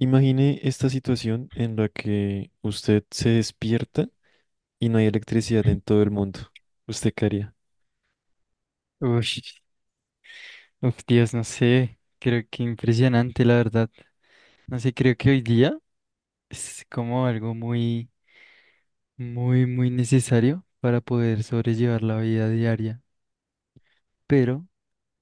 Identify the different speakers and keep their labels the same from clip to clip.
Speaker 1: Imagine esta situación en la que usted se despierta y no hay electricidad en todo el mundo. ¿Usted qué haría?
Speaker 2: Uy, uf, Dios, no sé, creo que impresionante, la verdad. No sé, creo que hoy día es como algo muy, muy, muy necesario para poder sobrellevar la vida diaria. Pero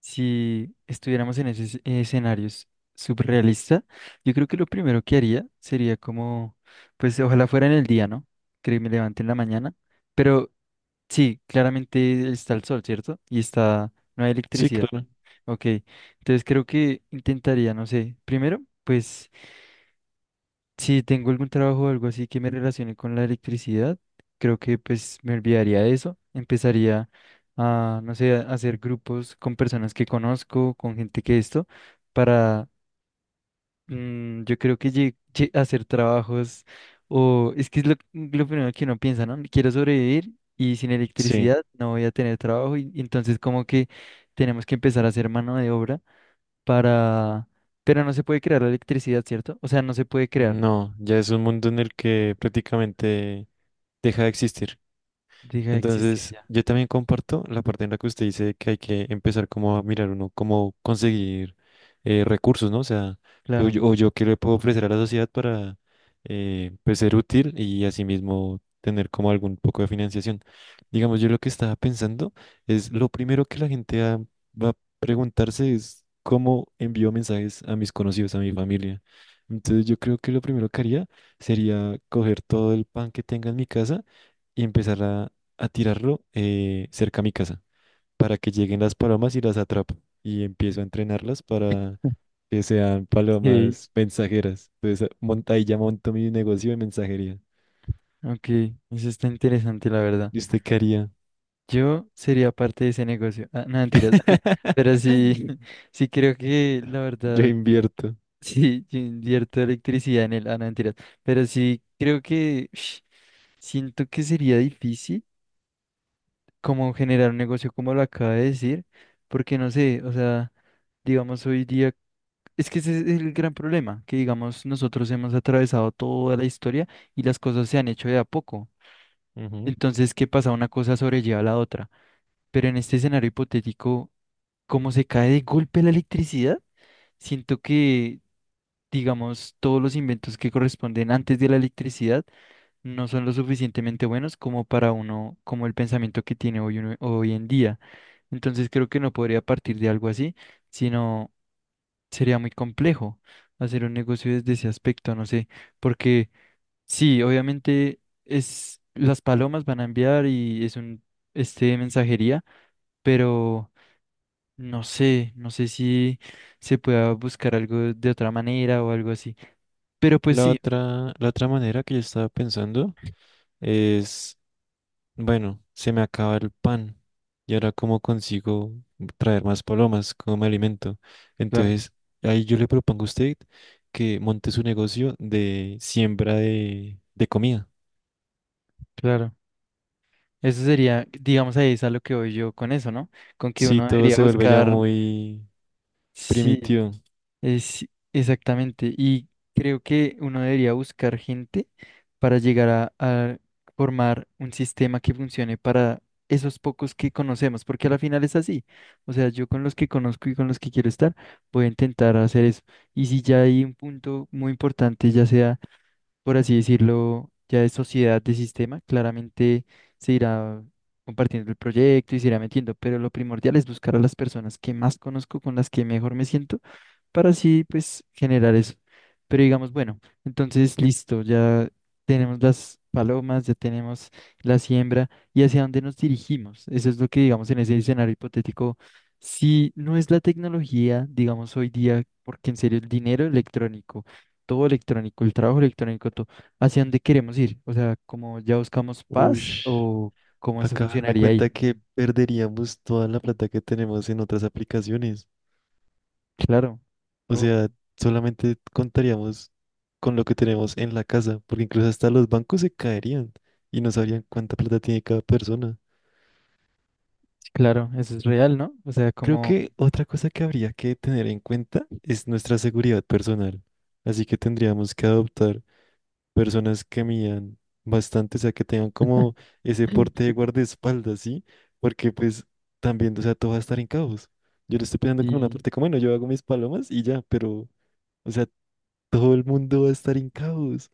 Speaker 2: si estuviéramos en esos escenarios surrealista, yo creo que lo primero que haría sería como, pues ojalá fuera en el día, ¿no? Que me levante en la mañana. Pero sí, claramente está el sol, ¿cierto? Y está, no hay
Speaker 1: Sí,
Speaker 2: electricidad.
Speaker 1: claro.
Speaker 2: Ok, entonces creo que intentaría, no sé, primero, pues si tengo algún trabajo o algo así que me relacione con la electricidad, creo que pues me olvidaría de eso, empezaría a, no sé, a hacer grupos con personas que conozco, con gente que esto, para, yo creo que hacer trabajos, o es que es lo primero que uno piensa, ¿no? Quiero sobrevivir y sin
Speaker 1: Sí.
Speaker 2: electricidad no voy a tener trabajo y entonces como que tenemos que empezar a hacer mano de obra para... Pero no se puede crear la electricidad, ¿cierto? O sea, no se puede crear.
Speaker 1: No, ya es un mundo en el que prácticamente deja de existir.
Speaker 2: Deja de existir
Speaker 1: Entonces,
Speaker 2: ya.
Speaker 1: yo también comparto la parte en la que usted dice que hay que empezar como a mirar uno cómo conseguir recursos, ¿no? O sea,
Speaker 2: Claro.
Speaker 1: o yo qué le puedo ofrecer a la sociedad para pues, ser útil y asimismo tener como algún poco de financiación. Digamos, yo lo que estaba pensando es lo primero que va a preguntarse es cómo envío mensajes a mis conocidos, a mi familia. Entonces, yo creo que lo primero que haría sería coger todo el pan que tenga en mi casa y empezar a tirarlo cerca a mi casa para que lleguen las palomas y las atrapo. Y empiezo a entrenarlas para que sean
Speaker 2: Ok,
Speaker 1: palomas mensajeras. Entonces, ahí ya monto mi negocio de mensajería.
Speaker 2: ok. Eso está interesante, la verdad.
Speaker 1: ¿Y usted qué haría?
Speaker 2: Yo sería parte de ese negocio. Ah, no, mentiras. Pero sí, sí creo que, la
Speaker 1: Yo
Speaker 2: verdad,
Speaker 1: invierto.
Speaker 2: sí, yo invierto electricidad en él. Ah, no, mentiras. Pero sí creo que, ush, siento que sería difícil como generar un negocio como lo acaba de decir, porque no sé, o sea, digamos hoy día. Es que ese es el gran problema, que digamos nosotros hemos atravesado toda la historia y las cosas se han hecho de a poco.
Speaker 1: Ujú.
Speaker 2: Entonces, ¿qué pasa? Una cosa sobrelleva a la otra. Pero en este escenario hipotético, ¿cómo se cae de golpe la electricidad? Siento que, digamos, todos los inventos que corresponden antes de la electricidad no son lo suficientemente buenos como para uno, como el pensamiento que tiene hoy, hoy en día. Entonces, creo que no podría partir de algo así, sino sería muy complejo hacer un negocio desde ese aspecto, no sé, porque sí, obviamente es las palomas van a enviar y es un mensajería, pero no sé, no sé si se pueda buscar algo de otra manera o algo así. Pero pues sí,
Speaker 1: La otra manera que yo estaba pensando es bueno, se me acaba el pan. ¿Y ahora cómo consigo traer más palomas? ¿Cómo me alimento?
Speaker 2: claro,
Speaker 1: Entonces, ahí yo le propongo a usted que monte su negocio de siembra de comida.
Speaker 2: claro. Eso sería, digamos, ahí es a lo que voy yo con eso, ¿no? Con que
Speaker 1: Sí,
Speaker 2: uno
Speaker 1: todo
Speaker 2: debería
Speaker 1: se vuelve ya
Speaker 2: buscar,
Speaker 1: muy
Speaker 2: sí,
Speaker 1: primitivo.
Speaker 2: Es exactamente, y creo que uno debería buscar gente para llegar a formar un sistema que funcione para esos pocos que conocemos, porque a la final es así. O sea, yo con los que conozco y con los que quiero estar, voy a intentar hacer eso. Y si ya hay un punto muy importante, ya sea por así decirlo, ya de sociedad de sistema, claramente se irá compartiendo el proyecto y se irá metiendo, pero lo primordial es buscar a las personas que más conozco, con las que mejor me siento, para así pues generar eso. Pero digamos, bueno, entonces listo, ya tenemos las palomas, ya tenemos la siembra y hacia dónde nos dirigimos. Eso es lo que digamos en ese escenario hipotético. Si no es la tecnología, digamos hoy día, porque en serio el dinero electrónico todo electrónico, el trabajo electrónico, todo. ¿Hacia dónde queremos ir? O sea, ¿como ya buscamos paz
Speaker 1: Ush,
Speaker 2: o cómo se
Speaker 1: acá darme
Speaker 2: funcionaría ahí?
Speaker 1: cuenta que perderíamos toda la plata que tenemos en otras aplicaciones.
Speaker 2: Claro,
Speaker 1: O
Speaker 2: todo.
Speaker 1: sea, solamente contaríamos con lo que tenemos en la casa, porque incluso hasta los bancos se caerían y no sabrían cuánta plata tiene cada persona.
Speaker 2: Claro, eso es real, ¿no? O sea,
Speaker 1: Creo
Speaker 2: como...
Speaker 1: que otra cosa que habría que tener en cuenta es nuestra seguridad personal. Así que tendríamos que adoptar personas que midan bastante, o sea, que tengan como ese porte de guardaespaldas, ¿sí? Porque pues también, o sea, todo va a estar en caos. Yo lo estoy pensando como una
Speaker 2: Sí,
Speaker 1: parte como, bueno, yo hago mis palomas y ya, pero, o sea, todo el mundo va a estar en caos.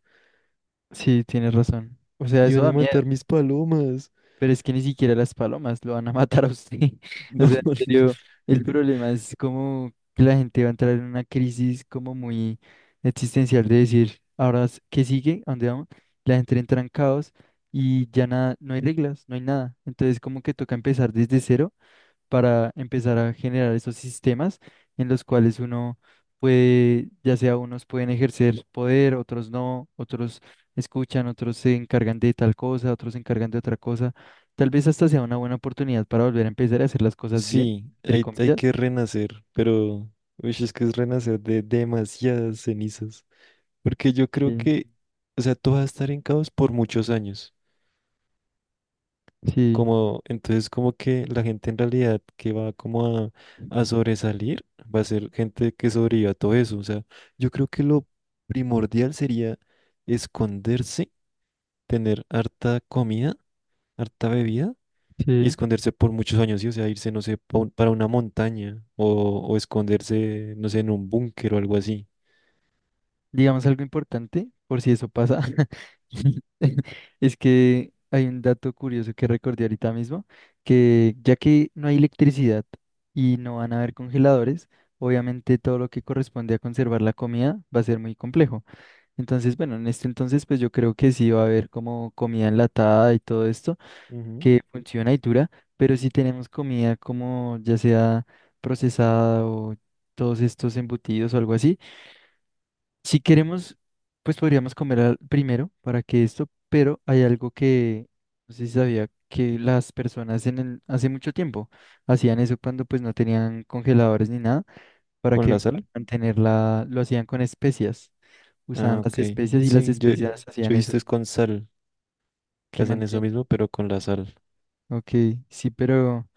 Speaker 2: sí, tienes razón. O sea, eso
Speaker 1: Iban a
Speaker 2: da miedo.
Speaker 1: matar mis palomas.
Speaker 2: Pero es que ni siquiera las palomas lo van a matar a usted. O
Speaker 1: No,
Speaker 2: sea,
Speaker 1: no.
Speaker 2: en serio, el problema es como que la gente va a entrar en una crisis como muy existencial de decir, ahora, ¿qué sigue? ¿A dónde vamos? La gente entra en caos y ya nada, no hay reglas, no hay nada. Entonces, como que toca empezar desde cero para empezar a generar esos sistemas en los cuales uno puede, ya sea unos pueden ejercer poder, otros no, otros escuchan, otros se encargan de tal cosa, otros se encargan de otra cosa. Tal vez hasta sea una buena oportunidad para volver a empezar a hacer las cosas bien,
Speaker 1: Sí,
Speaker 2: entre
Speaker 1: hay
Speaker 2: comillas.
Speaker 1: que renacer, pero uy, es que es renacer de demasiadas cenizas. Porque yo creo
Speaker 2: Sí,
Speaker 1: que, o sea, todo va a estar en caos por muchos años.
Speaker 2: sí,
Speaker 1: Como, entonces, como que la gente en realidad que va como a sobresalir, va a ser gente que sobreviva a todo eso. O sea, yo creo que lo primordial sería esconderse, tener harta comida, harta bebida y
Speaker 2: sí.
Speaker 1: esconderse por muchos años, ¿sí? O sea, irse, no sé, para una montaña o esconderse, no sé, en un búnker o algo así.
Speaker 2: Digamos algo importante, por si eso pasa, es que hay un dato curioso que recordé ahorita mismo, que ya que no hay electricidad y no van a haber congeladores, obviamente todo lo que corresponde a conservar la comida va a ser muy complejo. Entonces, bueno, en este entonces, pues yo creo que sí va a haber como comida enlatada y todo esto
Speaker 1: Ujú.
Speaker 2: que funciona y dura, pero si tenemos comida como ya sea procesada o todos estos embutidos o algo así si queremos, pues podríamos comer primero para que esto, pero hay algo que no sé si sabía que las personas en el, hace mucho tiempo hacían eso cuando pues no tenían congeladores ni nada, para
Speaker 1: ¿Con
Speaker 2: que
Speaker 1: la
Speaker 2: para
Speaker 1: sal?
Speaker 2: mantenerla, lo hacían con especias, usaban
Speaker 1: Ah,
Speaker 2: las
Speaker 1: ok.
Speaker 2: especias y las
Speaker 1: Sí, yo
Speaker 2: especias hacían
Speaker 1: he visto
Speaker 2: eso,
Speaker 1: es con sal, que
Speaker 2: que
Speaker 1: hacen eso
Speaker 2: mantiene.
Speaker 1: mismo, pero con la sal.
Speaker 2: Ok, sí, pero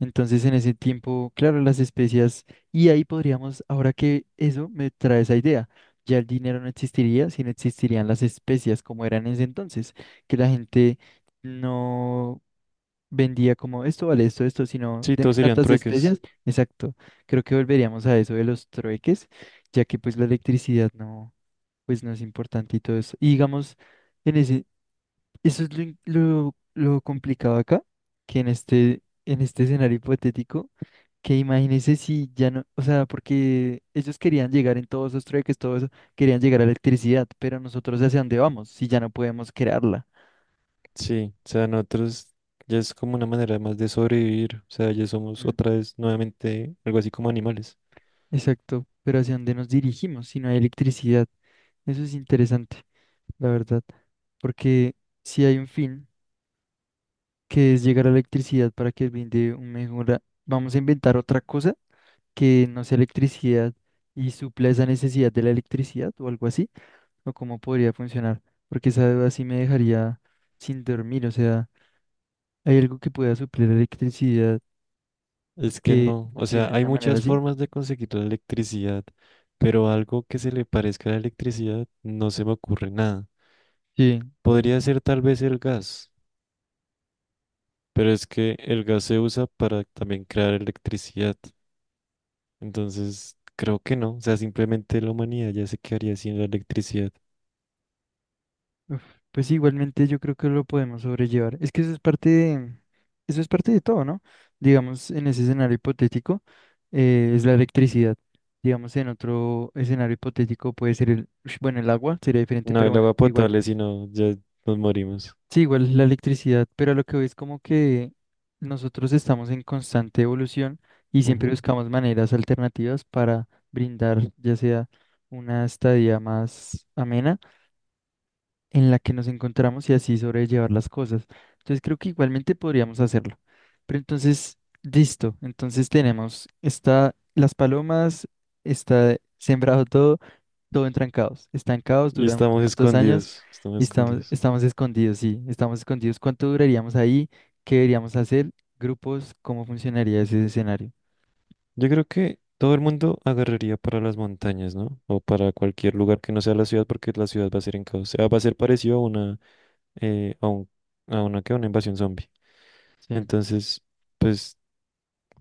Speaker 2: Entonces, en ese tiempo, claro, las especias, y ahí podríamos, ahora que eso me trae esa idea, ya el dinero no existiría, sino existirían las especias como eran en ese entonces, que la gente no vendía como esto vale esto, esto, sino
Speaker 1: Sí,
Speaker 2: deme
Speaker 1: todos serían
Speaker 2: tantas
Speaker 1: trueques.
Speaker 2: especias. Exacto, creo que volveríamos a eso de los trueques, ya que pues la electricidad no, pues no es importante y todo eso. Y digamos, en ese, eso es lo, lo complicado acá, que en este escenario hipotético. Que imagínese si ya no, o sea, porque ellos querían llegar en todos esos trueques, todo eso, querían llegar a la electricidad, pero nosotros hacia dónde vamos si ya no podemos crearla.
Speaker 1: Sí, o sea, nosotros ya es como una manera más de sobrevivir. O sea, ya somos
Speaker 2: Mm.
Speaker 1: otra vez nuevamente algo así como animales.
Speaker 2: Exacto, pero hacia dónde nos dirigimos si no hay electricidad. Eso es interesante, la verdad, porque si hay un fin que es llegar a la electricidad para que brinde un mejora, vamos a inventar otra cosa que no sea electricidad y supla esa necesidad de la electricidad o algo así. O cómo podría funcionar, porque esa duda sí me dejaría sin dormir, o sea, ¿hay algo que pueda suplir la electricidad
Speaker 1: Es que
Speaker 2: que
Speaker 1: no, o sea,
Speaker 2: funcione de
Speaker 1: hay
Speaker 2: una manera
Speaker 1: muchas
Speaker 2: así?
Speaker 1: formas de conseguir la electricidad, pero algo que se le parezca a la electricidad no se me ocurre nada.
Speaker 2: Sí,
Speaker 1: Podría ser tal vez el gas, pero es que el gas se usa para también crear electricidad. Entonces, creo que no. O sea, simplemente la humanidad ya se quedaría sin la electricidad.
Speaker 2: uf, pues igualmente yo creo que lo podemos sobrellevar. Es que eso es parte de, eso es parte de todo, ¿no? Digamos, en ese escenario hipotético es la electricidad. Digamos, en otro escenario hipotético puede ser el, ush, bueno, el agua sería diferente,
Speaker 1: No
Speaker 2: pero
Speaker 1: el
Speaker 2: bueno,
Speaker 1: agua
Speaker 2: igual.
Speaker 1: potable, sino ya nos morimos.
Speaker 2: Sí, igual la electricidad, pero a lo que voy es como que nosotros estamos en constante evolución y siempre
Speaker 1: Ujú.
Speaker 2: buscamos maneras alternativas para brindar ya sea una estadía más amena en la que nos encontramos y así sobrellevar las cosas. Entonces creo que igualmente podríamos hacerlo. Pero entonces, listo, entonces tenemos, está las palomas, está sembrado todo, todo entra en caos. Está en caos,
Speaker 1: Y
Speaker 2: duran unos
Speaker 1: estamos
Speaker 2: cuantos años
Speaker 1: escondidos,
Speaker 2: y
Speaker 1: estamos
Speaker 2: estamos,
Speaker 1: escondidos.
Speaker 2: estamos escondidos, sí, estamos escondidos. ¿Cuánto duraríamos ahí? ¿Qué deberíamos hacer? ¿Grupos? ¿Cómo funcionaría ese escenario?
Speaker 1: Yo creo que todo el mundo agarraría para las montañas, ¿no? O para cualquier lugar que no sea la ciudad, porque la ciudad va a ser en caos. O sea, va a ser parecido a una, eh, a un, a una, ¿qué? Una invasión zombie.
Speaker 2: Sí.
Speaker 1: Entonces, pues...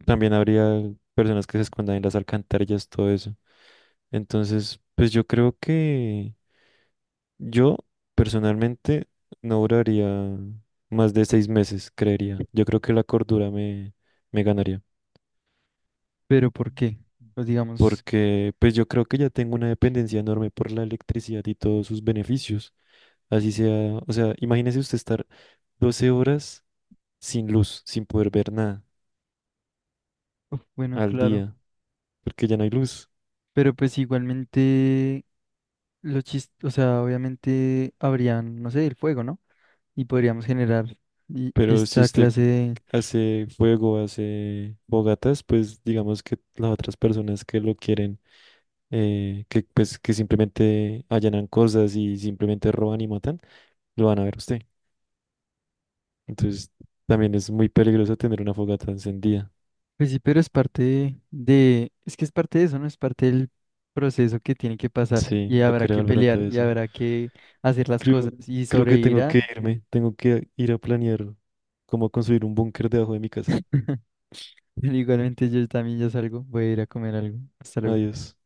Speaker 1: También habría personas que se escondan en las alcantarillas, todo eso. Entonces, pues yo creo que yo personalmente no duraría más de 6 meses, creería. Yo creo que la cordura me ganaría.
Speaker 2: Pero ¿por qué? Pues digamos,
Speaker 1: Porque pues yo creo que ya tengo una dependencia enorme por la electricidad y todos sus beneficios. Así sea, o sea, imagínese usted estar 12 horas sin luz, sin poder ver nada
Speaker 2: uf, bueno,
Speaker 1: al
Speaker 2: claro.
Speaker 1: día, porque ya no hay luz.
Speaker 2: Pero pues igualmente, o sea, obviamente habrían, no sé, el fuego, ¿no? Y podríamos generar
Speaker 1: Pero si
Speaker 2: esta
Speaker 1: usted
Speaker 2: clase de
Speaker 1: hace fuego, hace fogatas pues digamos que las otras personas que lo quieren, que pues que simplemente allanan cosas y simplemente roban y matan, lo van a ver a usted. Entonces también es muy peligroso tener una fogata encendida.
Speaker 2: Pues sí, pero es parte de, es que es parte de eso, ¿no? Es parte del proceso que tiene que pasar
Speaker 1: Sí,
Speaker 2: y
Speaker 1: no
Speaker 2: habrá
Speaker 1: quería
Speaker 2: que
Speaker 1: volver a todo
Speaker 2: pelear y
Speaker 1: eso.
Speaker 2: habrá que hacer las cosas
Speaker 1: Creo,
Speaker 2: y
Speaker 1: creo que tengo
Speaker 2: sobrevivirá.
Speaker 1: que irme, tengo que ir a planear cómo construir un búnker debajo de mi
Speaker 2: Pero
Speaker 1: casa.
Speaker 2: igualmente yo también ya salgo, voy a ir a comer algo. Hasta luego.
Speaker 1: Adiós.